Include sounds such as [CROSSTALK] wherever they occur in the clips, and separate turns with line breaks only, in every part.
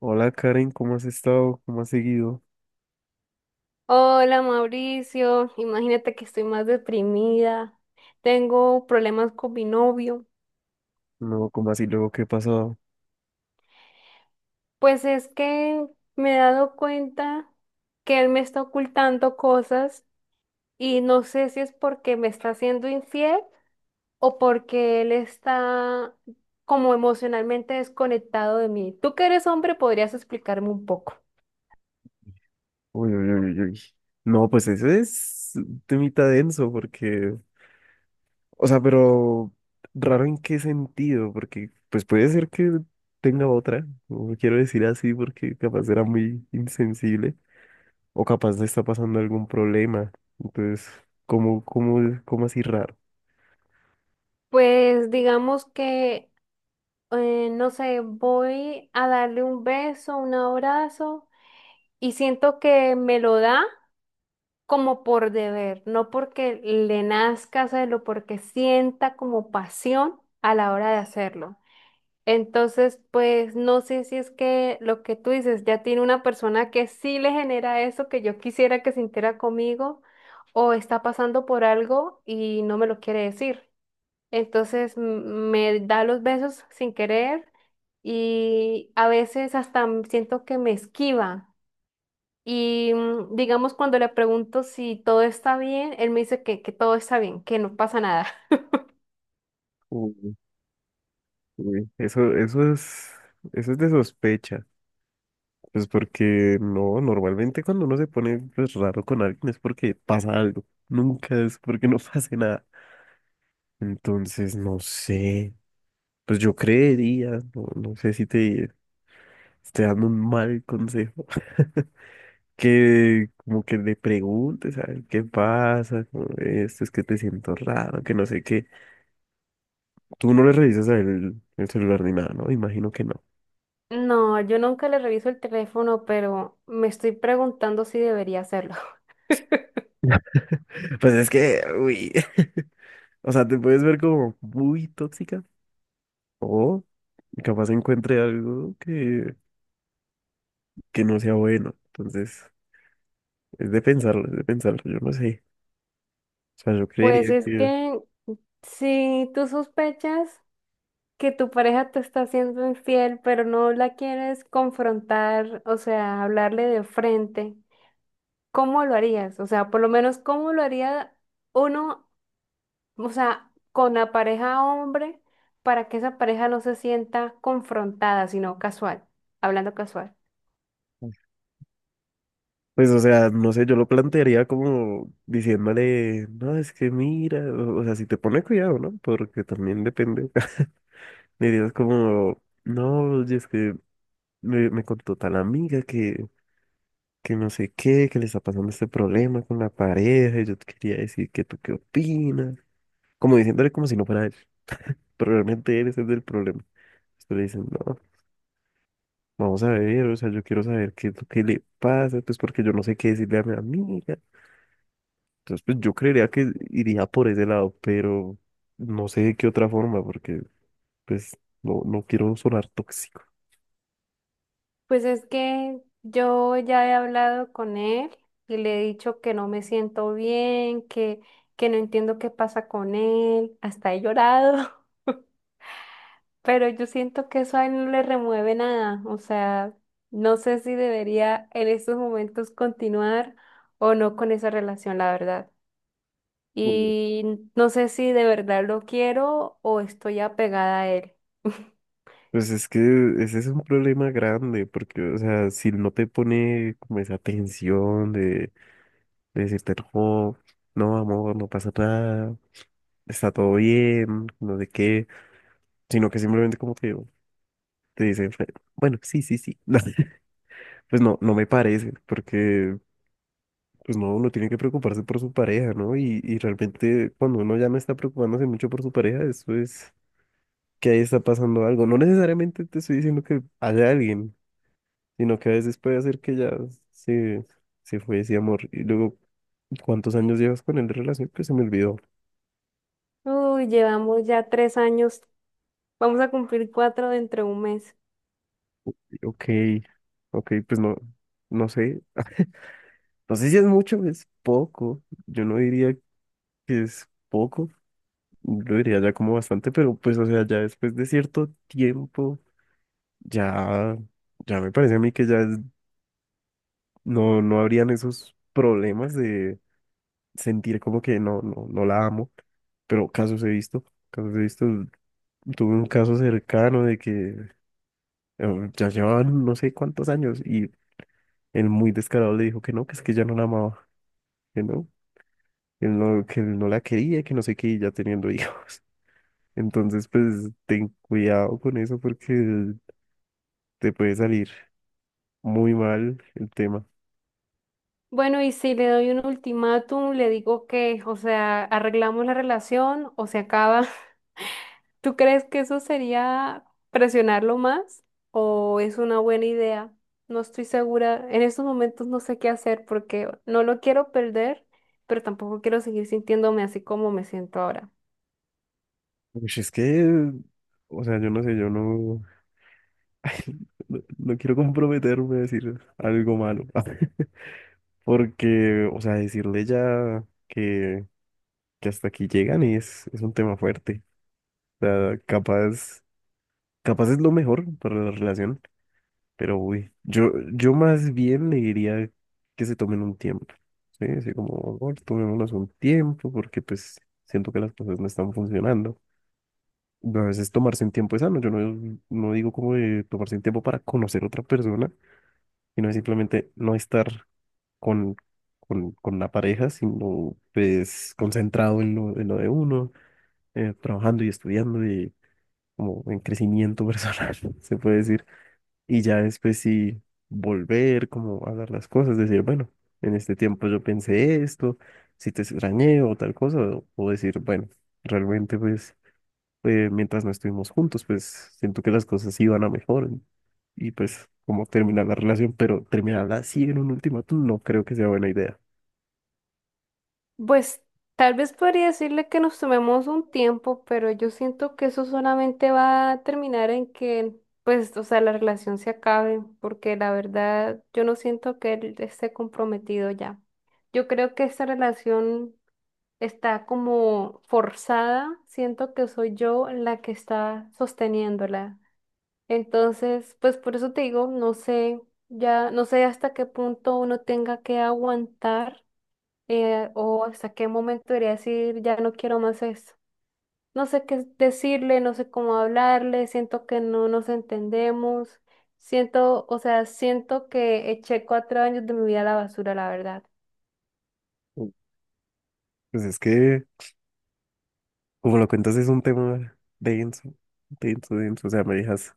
Hola Karen, ¿cómo has estado? ¿Cómo has seguido?
Hola Mauricio, imagínate que estoy más deprimida, tengo problemas con mi novio,
No, ¿cómo así luego qué ha pasado?
pues es que me he dado cuenta que él me está ocultando cosas y no sé si es porque me está siendo infiel o porque él está como emocionalmente desconectado de mí. Tú que eres hombre, podrías explicarme un poco.
Uy, uy, uy, uy. No, pues ese es un temita denso porque, o sea, pero raro en qué sentido, porque pues puede ser que tenga otra, no quiero decir así porque capaz era muy insensible o capaz le está pasando algún problema. Entonces, ¿cómo, cómo, cómo así raro?
Pues digamos que, no sé, voy a darle un beso, un abrazo. Y siento que me lo da como por deber, no porque le nazca hacerlo, porque sienta como pasión a la hora de hacerlo. Entonces, pues no sé si es que lo que tú dices ya tiene una persona que sí le genera eso que yo quisiera que sintiera conmigo o está pasando por algo y no me lo quiere decir. Entonces me da los besos sin querer y a veces hasta siento que me esquiva. Y digamos, cuando le pregunto si todo está bien, él me dice que todo está bien, que no pasa nada. [LAUGHS]
Uy, uy. Eso es, eso es de sospecha. Pues porque no, normalmente cuando uno se pone pues, raro con alguien es porque pasa algo. Nunca es porque no [LAUGHS] pase nada. Entonces, no sé. Pues yo creería, no, no sé si te estoy dando un mal consejo, [LAUGHS] que como que le preguntes a él qué pasa, como, esto es que te siento raro, que no sé qué. Tú no le revisas a él el celular ni nada, ¿no? Imagino que no.
No, yo nunca le reviso el teléfono, pero me estoy preguntando si debería hacerlo. [LAUGHS]
[LAUGHS] Pues es que, uy. [LAUGHS] O sea, te puedes ver como muy tóxica. O Y capaz encuentre algo que no sea bueno. Entonces, es de pensarlo, yo no sé. O sea, yo creería
Pues es
que,
que si tú sospechas que tu pareja te está siendo infiel, pero no la quieres confrontar, o sea, hablarle de frente, ¿cómo lo harías? O sea, por lo menos, ¿cómo lo haría uno? O sea, con la pareja hombre, para que esa pareja no se sienta confrontada, sino casual, hablando casual.
pues, o sea, no sé, yo lo plantearía como diciéndole, no, es que mira, o sea, si te pone cuidado, ¿no? Porque también depende. [LAUGHS] Le dirías como, no, y es que me contó tal amiga que no sé qué, que le está pasando este problema con la pareja, y yo te quería decir que tú qué opinas. Como diciéndole como si no fuera él. Pero realmente él es el del problema. Entonces le dicen, no, vamos a ver, o sea, yo quiero saber qué es lo que le pasa, pues porque yo no sé qué decirle a mi amiga. Entonces, pues yo creería que iría por ese lado, pero no sé de qué otra forma, porque pues no, no quiero sonar tóxico.
Pues es que yo ya he hablado con él y le he dicho que no me siento bien, que no entiendo qué pasa con él, hasta he llorado, [LAUGHS] pero yo siento que eso a él no le remueve nada. O sea, no sé si debería en estos momentos continuar o no con esa relación, la verdad.
Mm.
Y no sé si de verdad lo quiero o estoy apegada a él. [LAUGHS]
Pues es que ese es un problema grande, porque, o sea, si no te pone como esa tensión de decirte, no, no, amor, no pasa nada, está todo bien, no sé qué, sino que simplemente como que te dicen, "Fe- bueno, sí, sí, sí". [LAUGHS] No, pues no, no me parece, porque pues no, uno tiene que preocuparse por su pareja, ¿no? Y realmente cuando uno ya no está preocupándose mucho por su pareja, eso es que ahí está pasando algo. No necesariamente te estoy diciendo que haya alguien, sino que a veces puede hacer que ya se, se fue ese amor. Y luego, ¿cuántos años llevas con él de relación? Pues se me olvidó.
Uy, llevamos ya 3 años, vamos a cumplir 4 dentro de un mes.
Ok, ok, pues no, no sé. No sé si es mucho, o es poco. Yo no diría que es poco. Lo diría ya como bastante, pero pues, o sea, ya después de cierto tiempo, ya, ya me parece a mí que ya es- no, no habrían esos problemas de sentir como que no, no, no la amo, pero casos he visto, tuve un caso cercano de que ya llevaban no sé cuántos años y el muy descarado le dijo que no, que es que ya no la amaba, que no, que no, que no la quería, que no sé qué, y ya teniendo hijos. [LAUGHS] Entonces, pues, ten cuidado con eso porque te puede salir muy mal el tema.
Bueno, y si le doy un ultimátum, le digo que, o sea, arreglamos la relación o se acaba. [LAUGHS] ¿Tú crees que eso sería presionarlo más o es una buena idea? No estoy segura. En estos momentos no sé qué hacer porque no lo quiero perder, pero tampoco quiero seguir sintiéndome así como me siento ahora.
Pues es que, o sea, yo no sé, yo no, [LAUGHS] no, no quiero comprometerme a decir algo malo, [LAUGHS] porque, o sea, decirle ya que hasta aquí llegan es un tema fuerte. O sea, capaz, capaz es lo mejor para la relación, pero uy, yo más bien le diría que se tomen un tiempo, ¿sí? Así como, amor, tomémonos un tiempo, porque pues siento que las cosas no están funcionando. A veces tomarse un tiempo es sano. Yo no, no digo como de tomarse un tiempo para conocer a otra persona, sino es simplemente no estar con, con la pareja, sino pues concentrado en lo de uno, trabajando y estudiando y como en crecimiento personal, [LAUGHS] se puede decir. Y ya después sí volver, como a hablar las cosas, decir, bueno, en este tiempo yo pensé esto, si te extrañé o tal cosa, o decir, bueno, realmente pues mientras no estuvimos juntos, pues siento que las cosas iban a mejor y pues como terminar la relación, pero terminarla así en un ultimátum no creo que sea buena idea.
Pues tal vez podría decirle que nos tomemos un tiempo, pero yo siento que eso solamente va a terminar en que, pues, o sea, la relación se acabe, porque la verdad yo no siento que él esté comprometido ya. Yo creo que esta relación está como forzada, siento que soy yo la que está sosteniéndola. Entonces, pues por eso te digo, no sé, ya no sé hasta qué punto uno tenga que aguantar, o hasta qué momento debería decir, ya no quiero más esto. No sé qué decirle, no sé cómo hablarle, siento que no nos entendemos, siento, o sea, siento que eché 4 años de mi vida a la basura, la verdad.
Mm. Pues es que, como lo cuentas, es un tema denso, denso, denso, o sea, me dejas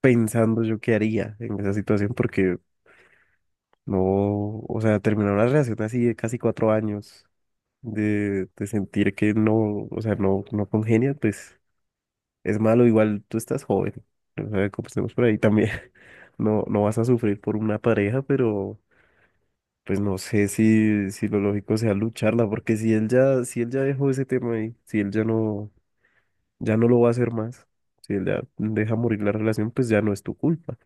pensando yo qué haría en esa situación porque no, o sea, terminar una relación así de casi 4 años, de sentir que no, o sea, no, no congenia, pues... es malo, igual tú estás joven, o sea, comencemos por ahí también. [LAUGHS] No, no vas a sufrir por una pareja, pero pues no sé si, si lo lógico sea lucharla, porque si él ya, si él ya dejó ese tema ahí, si él ya no, ya no lo va a hacer más, si él ya deja morir la relación, pues ya no es tu culpa.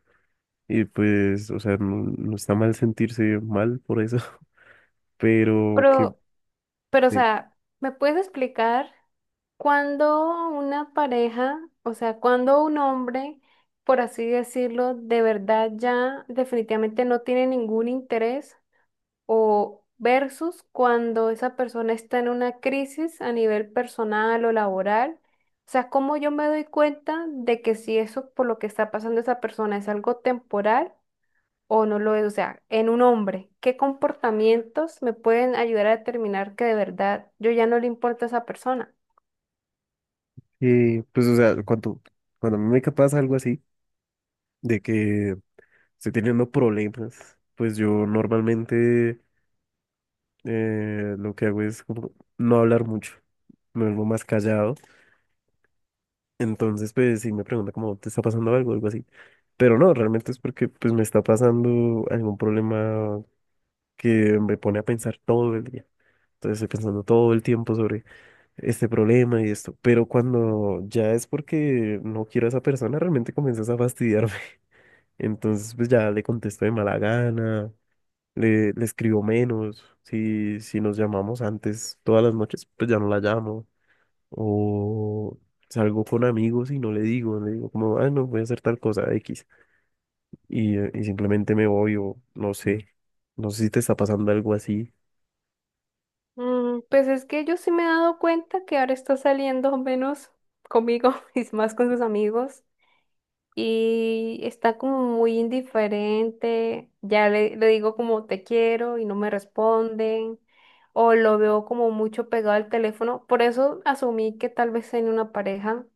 Y pues, o sea, no, no está mal sentirse mal por eso, [LAUGHS] pero que,
Pero, pero, o
eh,
sea, ¿me puedes explicar cuándo una pareja, o sea, cuándo un hombre, por así decirlo, de verdad ya definitivamente no tiene ningún interés? ¿O versus cuando esa persona está en una crisis a nivel personal o laboral? O sea, cómo yo me doy cuenta de que si eso por lo que está pasando esa persona es algo temporal o no lo es. O sea, en un hombre, ¿qué comportamientos me pueden ayudar a determinar que de verdad yo ya no le importa a esa persona?
pues, o sea, cuando, cuando a mí me pasa algo así, de que estoy teniendo problemas, pues yo normalmente lo que hago es como no hablar mucho, me vuelvo más callado. Entonces, pues sí me pregunta como, ¿te está pasando algo? Algo así. Pero no, realmente es porque pues me está pasando algún problema que me pone a pensar todo el día. Entonces estoy pensando todo el tiempo sobre este problema y esto. Pero cuando ya es porque no quiero a esa persona, realmente comienzas a fastidiarme. [LAUGHS] Entonces pues ya le contesto de mala gana le escribo menos, si, si nos llamamos antes todas las noches, pues ya no la llamo, o salgo con amigos y no le digo, le digo como, ah, no, voy a hacer tal cosa X, y simplemente me voy o no sé, no sé si te está pasando algo así.
Mm, pues es que yo sí me he dado cuenta que ahora está saliendo menos conmigo [LAUGHS] y más con sus amigos. Y está como muy indiferente, ya le digo como te quiero y no me responden, o lo veo como mucho pegado al teléfono, por eso asumí que tal vez tenía una pareja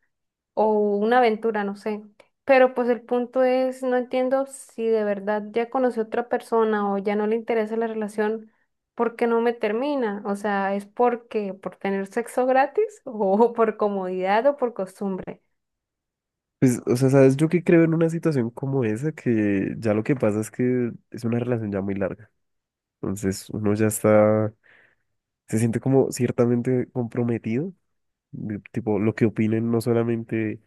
o una aventura, no sé. Pero pues el punto es, no entiendo si de verdad ya conocí a otra persona o ya no le interesa la relación, ¿por qué no me termina? O sea, ¿es porque por tener sexo gratis [LAUGHS] o por comodidad o por costumbre?
Pues, o sea, ¿sabes? Yo que creo en una situación como esa, que ya lo que pasa es que es una relación ya muy larga, entonces uno ya está, se siente como ciertamente comprometido, de- tipo, lo que opinen no solamente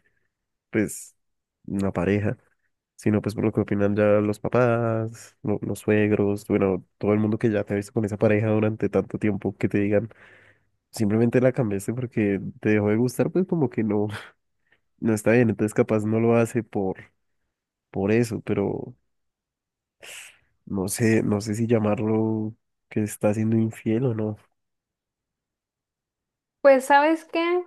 pues una pareja, sino pues por lo que opinan ya los papás, lo- los suegros, bueno, todo el mundo que ya te ha visto con esa pareja durante tanto tiempo que te digan, simplemente la cambiaste porque te dejó de gustar, pues como que no, [LAUGHS] no está bien, entonces capaz no lo hace por eso, pero no sé, no sé si llamarlo que está siendo infiel o no.
Pues, ¿sabes qué?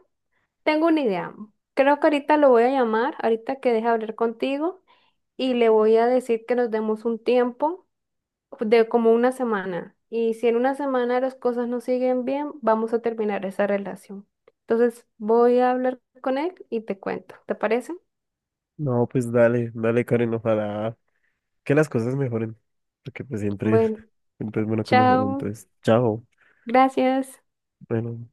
Tengo una idea. Creo que ahorita lo voy a llamar, ahorita que deje hablar contigo, y le voy a decir que nos demos un tiempo de como una semana. Y si en una semana las cosas no siguen bien, vamos a terminar esa relación. Entonces voy a hablar con él y te cuento. ¿Te parece?
No, pues dale, dale Karen, ojalá que las cosas mejoren, porque pues siempre,
Bueno,
siempre es bueno que mejoren,
chao.
entonces, chao,
Gracias.
bueno.